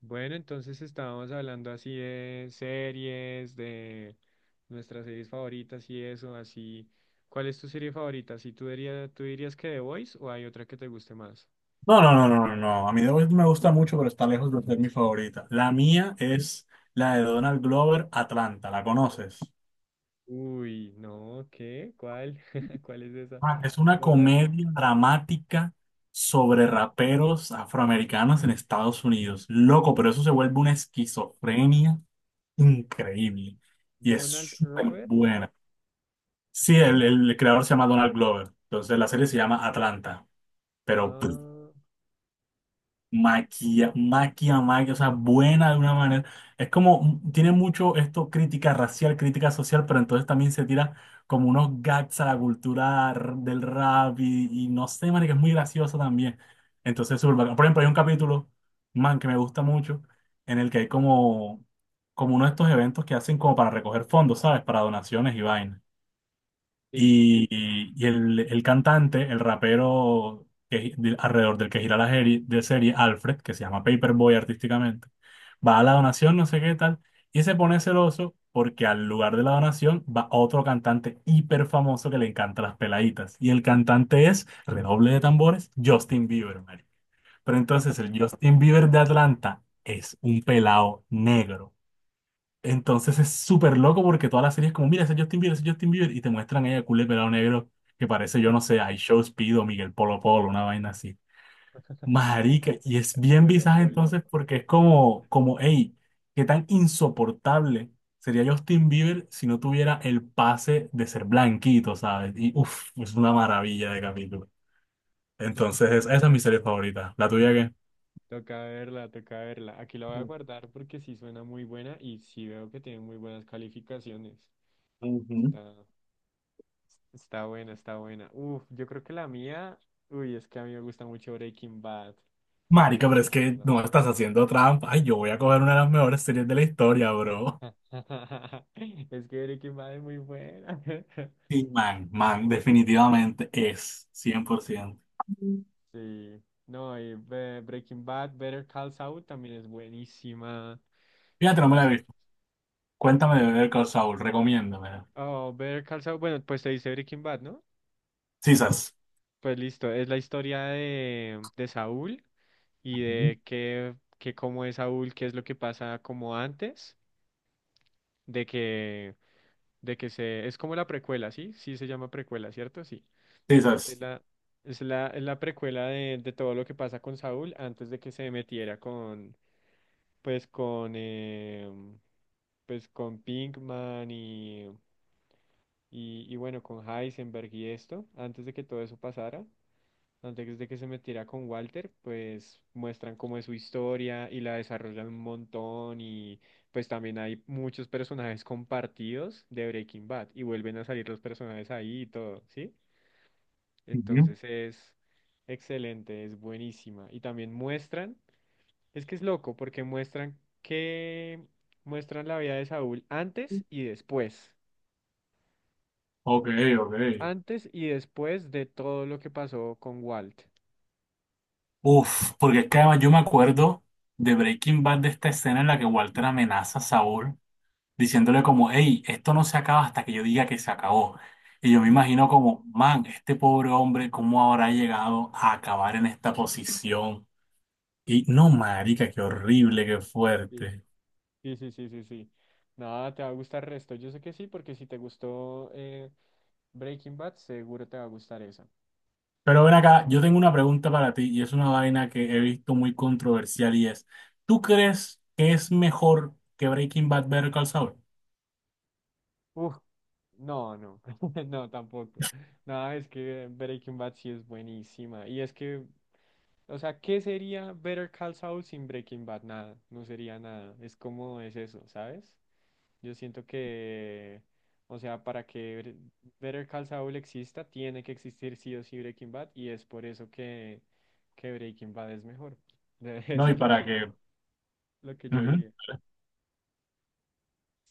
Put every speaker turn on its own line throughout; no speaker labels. Bueno, entonces estábamos hablando así de series, de nuestras series favoritas y eso, así. ¿Cuál es tu serie favorita? Si tú dirías que The Voice o hay otra que te guste más?
No, no, no, no, no, no. A mí The Voice me gusta mucho, pero está lejos de ser mi favorita. La mía es la de Donald Glover, Atlanta. ¿La conoces?
Uy, no, ¿qué? ¿Cuál? ¿Cuál es esa?
Ah, es una
Donald,
comedia dramática sobre raperos afroamericanos en Estados Unidos. Loco, pero eso se vuelve una esquizofrenia increíble. Y es
Donald
súper
Robert.
buena. Sí, el creador se llama Donald Glover. Entonces la serie se llama Atlanta. Pero
Ah,
maquia, o sea, buena de una manera. Es como, tiene mucho esto, crítica racial, crítica social, pero entonces también se tira como unos gags a la cultura del rap y no sé, man, que es muy gracioso también. Entonces, súper bacán. Por ejemplo, hay un capítulo, man, que me gusta mucho, en el que hay como uno de estos eventos que hacen como para recoger fondos, ¿sabes? Para donaciones y vainas.
sí.
Y, y el cantante, el rapero alrededor del que gira la serie, de serie, Alfred, que se llama Paperboy artísticamente, va a la donación, no sé qué tal, y se pone celoso porque al lugar de la donación va otro cantante hiper famoso que le encanta las peladitas. Y el cantante es, redoble de tambores, Justin Bieber, marico. Pero entonces el Justin Bieber de Atlanta es un pelado negro. Entonces es súper loco porque toda la serie es como, mira, ese es Justin Bieber, ese es Justin Bieber, y te muestran a ella culé pelado negro que parece, yo no sé, I Show Speed o Miguel Polo Polo, una vaina así. Marica, y es bien
Polo,
visaje
Polo.
entonces porque es como, hey, qué tan insoportable sería Justin Bieber si no tuviera el pase de ser blanquito, ¿sabes? Y uff, es una maravilla de capítulo. Entonces, esa es mi serie favorita. ¿La tuya qué?
Toca verla, toca verla. Aquí la voy a guardar porque sí suena muy buena y sí veo que tiene muy buenas calificaciones.
Ujú.
Está. Está buena, está buena. Uf, yo creo que la mía, uy, es que a mí me gusta mucho Breaking Bad,
Marica, pero es
la
que
verdad.
no estás haciendo trampa. Ay, yo voy a coger una de las mejores series de la historia, bro.
Es que Breaking Bad es muy buena.
Sí, man, definitivamente es, 100%.
Sí, no, y Breaking Bad, Better Call Saul también es buenísima.
Fíjate,
¿Qué
no me la
más?
he
¿Otro?
visto. Cuéntame de
Eh,
Better Call Saul, recomiéndame.
Oh, Better Call Saul, bueno, pues te dice Breaking Bad, ¿no?
Sisas.
Pues listo, es la historia de Saúl y
Ujú.
de que cómo es Saúl, qué es lo que pasa como antes, de que es como la precuela, ¿sí? Sí se llama precuela, ¿cierto? Sí. Es
Sisas.
la, es la precuela de todo lo que pasa con Saúl antes de que se metiera con, pues con, pues con Pinkman y bueno, con Heisenberg y esto, antes de que todo eso pasara. Antes de que se metiera con Walter, pues muestran cómo es su historia y la desarrollan un montón y pues también hay muchos personajes compartidos de Breaking Bad y vuelven a salir los personajes ahí y todo, ¿sí?
Ujú.
Entonces es excelente, es buenísima. Y también muestran, es que es loco porque muestran la vida de Saúl
Ok, ok.
antes y después de todo lo que pasó con Walt.
Uf, porque es que además yo me acuerdo de Breaking Bad de esta escena en la que Walter amenaza a Saúl diciéndole como, hey, esto no se acaba hasta que yo diga que se acabó. Y yo me imagino como, man, este pobre hombre, ¿cómo habrá llegado a acabar en esta posición? Y no, marica, qué horrible, qué
Sí.
fuerte.
Sí, sí, sí, sí, sí. Nada, te va a gustar el resto. Yo sé que sí, porque si te gustó Breaking Bad, seguro te va a gustar esa.
Pero ven acá, yo tengo una pregunta para ti y es una vaina que he visto muy controversial y es, ¿tú crees que es mejor que Breaking Bad ver Call Saul?
Uf, no, no, no, tampoco. Nada, es que Breaking Bad sí es buenísima. Y es que, o sea, ¿qué sería Better Call Saul sin Breaking Bad? Nada, no sería nada. Es como es eso, ¿sabes? Yo siento que, o sea, para que Better Call Saul exista, tiene que existir sí o sí Breaking Bad y es por eso que Breaking Bad es mejor.
No,
Eso
y
es
para que,
lo que yo
ujú,
diría.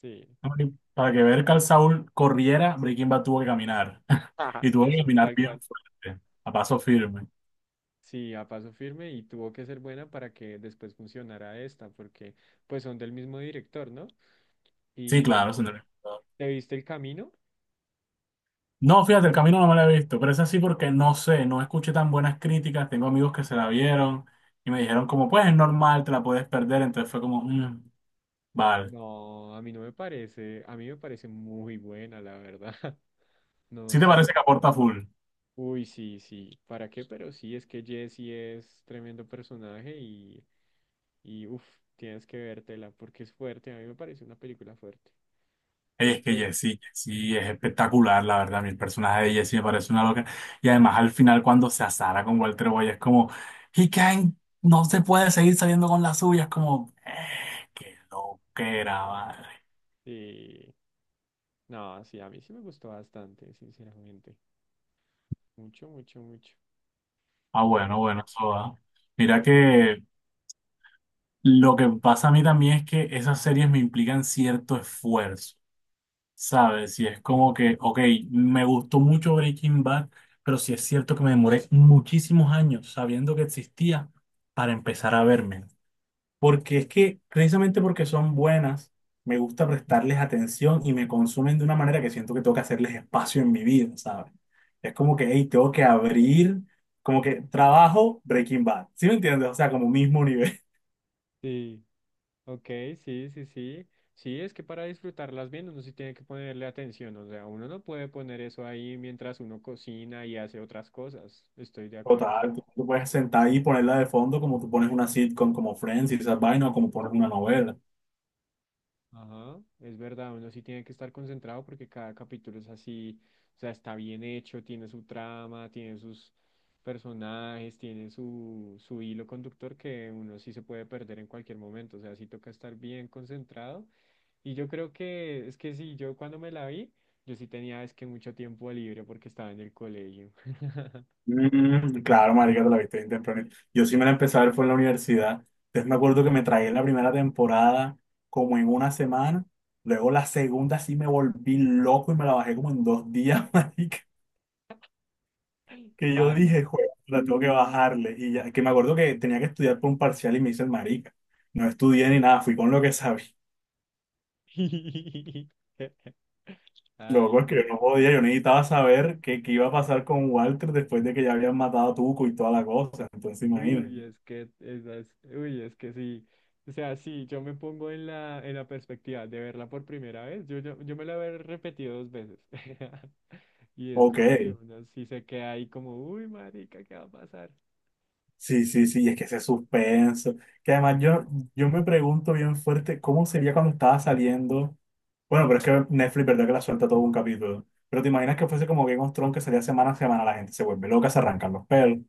Sí,
no, y para que ver Call Saul corriera, Breaking Bad tuvo que caminar
ajá,
y tuvo que
eso,
caminar
tal
bien
cual.
fuerte, a paso firme.
Sí, a paso firme y tuvo que ser buena para que después funcionara esta, porque pues son del mismo director, ¿no?
Sí, claro,
¿Y
es un recomendador.
te viste El Camino?
No, fíjate, el camino no me lo he visto, pero es así porque no sé, no escuché tan buenas críticas. Tengo amigos que se la vieron y me dijeron como, pues es normal, te la puedes perder. Entonces fue como, "Mm, vale".
No, a mí no me parece, a mí me parece muy buena, la verdad. No
¿Sí te parece
sé.
que aporta full?
Uy, sí, sí. ¿Para qué? Pero sí, es que Jessie es tremendo personaje y uff, tienes que vértela porque es fuerte. A mí me parece una película fuerte.
Ey, es que
Sobre...
Jessie es espectacular, la verdad. Mi personaje de Jessie me parece una loca. Y además al final cuando se asara con Walter Boy es como, he can't, no se puede seguir saliendo con las suyas, como, qué loquera, madre.
Sí. No, sí, a mí sí me gustó bastante, sinceramente. Mucho, mucho, mucho.
Ah, bueno,
Pero
bueno, eso va. Mira que Lo que pasa a mí también es que esas series me implican cierto esfuerzo, ¿sabes? Y es como que, ok, me gustó mucho Breaking Bad, pero sí es cierto que me demoré muchísimos años sabiendo que existía para empezar a verme. Porque es que, precisamente porque son buenas, me gusta prestarles atención y me consumen de una manera que siento que tengo que hacerles espacio en mi vida, ¿sabes? Es como que, hey, tengo que abrir, como que trabajo Breaking Bad, ¿sí me entiendes? O sea, como mismo.
sí. Ok, sí, sí, sí. Sí, es que para disfrutarlas bien uno sí tiene que ponerle atención, o sea, uno no puede poner eso ahí mientras uno cocina y hace otras cosas, estoy de acuerdo.
Total, tú puedes sentar ahí y ponerla de fondo como tú pones una sitcom como Friends y esas vainas o como pones una novela.
Ajá, es verdad, uno sí tiene que estar concentrado porque cada capítulo es así, o sea, está bien hecho, tiene su trama, tiene sus personajes, tiene su hilo conductor que uno sí se puede perder en cualquier momento, o sea, sí toca estar bien concentrado. Y yo creo que es que sí, yo cuando me la vi, yo sí tenía es que mucho tiempo libre porque estaba en el colegio.
Mm, claro, marica, te la viste bien temprano. Yo sí me la empecé a ver fue en la universidad. Entonces me acuerdo que me tragué la primera temporada como en una semana. Luego la segunda sí me volví loco y me la bajé como en dos días, marica. Que yo
Pasa.
dije, joder, la tengo que bajarle. Y ya, que me acuerdo que tenía que estudiar por un parcial y me hice el marica. No estudié ni nada, fui con lo que sabía. Loco,
Ay,
es que yo
no.
no podía, yo necesitaba saber qué iba a pasar con Walter después de que ya habían matado a Tuco y toda la cosa. Entonces, imagínate.
Uy, es que esas, uy, es que sí. O sea, sí, yo me pongo en la perspectiva de verla por primera vez. Yo me la he repetido dos veces. Y es
Ok,
como que uno sí se queda ahí como, uy, marica, ¿qué va a pasar?
sí, sí, sí, es que ese suspenso. Que yo me pregunto bien fuerte cómo sería cuando estaba saliendo. Bueno, pero es que Netflix, ¿verdad? Que la suelta todo un capítulo. Pero te imaginas que fuese como Game of Thrones que salía semana a semana, la gente se vuelve loca, se arrancan los pelos.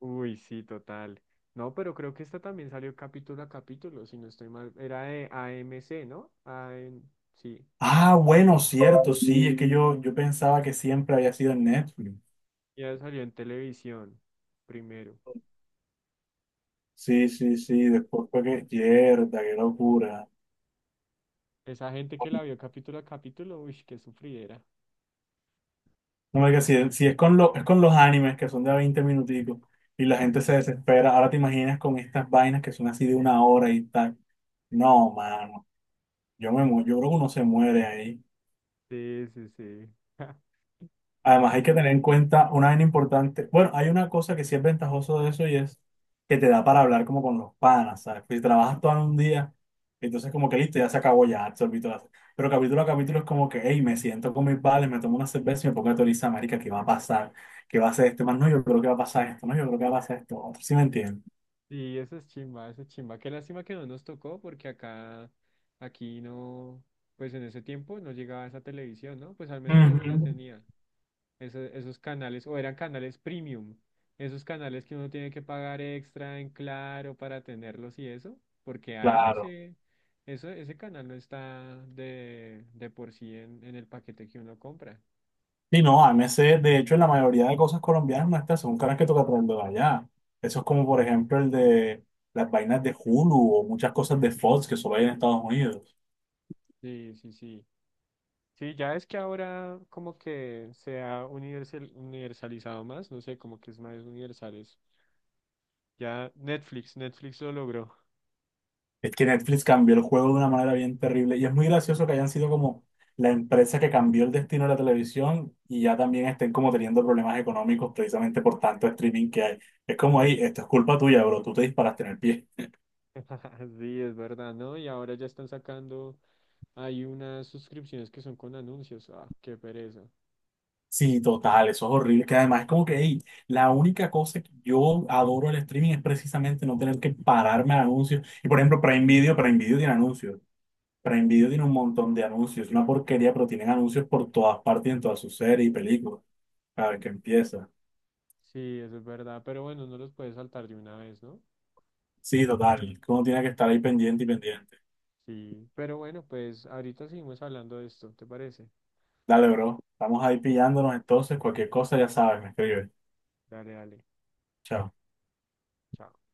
Uy, sí, total. No, pero creo que esta también salió capítulo a capítulo, si no estoy mal. Era de AMC, ¿no? AM, sí.
Ah, bueno, cierto, sí, es que yo pensaba que siempre había sido en Netflix.
Ya salió en televisión primero.
Sí, sí, sí,
Sí.
después fue que, mierda, qué locura.
Esa gente que la vio capítulo a capítulo, uy, qué sufridera.
No me digas, si es con lo, es con los animes que son de a 20 minuticos y la gente se desespera, ahora te imaginas con estas vainas que son así de una hora y tal. No, mano, yo creo que uno se muere ahí.
Sí, sí, sí.
Además,
No,
hay que tener en cuenta una vaina importante. Bueno, hay una cosa que sí es ventajoso de eso y es que te da para hablar como con los panas, ¿sabes? Pues si trabajas todo en un día, entonces como que listo, ya se acabó, ya absorbí todas. Pero capítulo a capítulo es como que, hey, me siento con mis vales, me tomo una cerveza y me pongo a teorizar, marica, ¿qué va a pasar? ¿Qué va a hacer este más? No, yo creo que va a pasar esto, no, yo creo que va a pasar esto. Otro, ¿sí me entiendes?
sí, eso es chimba, eso es chimba. Qué lástima que no nos tocó, porque acá, aquí no, pues en ese tiempo no llegaba esa televisión, ¿no? Pues al menos yo no la
Ujú.
tenía. Esos canales, o eran canales premium, esos canales que uno tiene que pagar extra en Claro para tenerlos y eso, porque
Claro.
AMC, eso, ese canal no está de por sí en el paquete que uno compra.
Sí, no, AMC, de hecho, en la mayoría de cosas colombianas nuestras son caras que toca traerlo de allá. Eso es como, por ejemplo, el de las vainas de Hulu o muchas cosas de Fox que solo hay en Estados Unidos.
Sí, sí, sí. Sí, ya es que ahora como que se ha universalizado más, no sé, como que es más universales. Ya Netflix, Netflix lo logró.
Es que Netflix cambió el juego de una manera bien terrible y es muy gracioso que hayan sido como la empresa que cambió el destino de la televisión y ya también estén como teniendo problemas económicos precisamente por tanto streaming que hay. Es como, ahí, esto es culpa tuya, bro, tú te disparaste en el pie.
Sí, es verdad, ¿no? Y ahora ya están sacando hay unas suscripciones que son con anuncios. Ah, qué pereza.
Sí, total, eso es horrible. Que además es como que, hey, la única cosa que yo adoro el streaming es precisamente no tener que pararme a anuncios. Y por ejemplo, Prime Video tiene anuncios. Prime Video tiene un
Sí.
montón de anuncios. Es una porquería, pero tienen anuncios por todas partes en todas sus series y películas. Cada vez que empieza.
Sí, eso es verdad, pero bueno, no los puedes saltar de una vez, ¿no?
Sí, total. Uno tiene que estar ahí pendiente y pendiente.
Sí, pero bueno, pues ahorita seguimos hablando de esto, ¿te parece?
Dale, bro. Estamos ahí
Dale,
pillándonos entonces. Cualquier cosa ya sabes, me escribes.
dale, dale.
Chao.
Chao.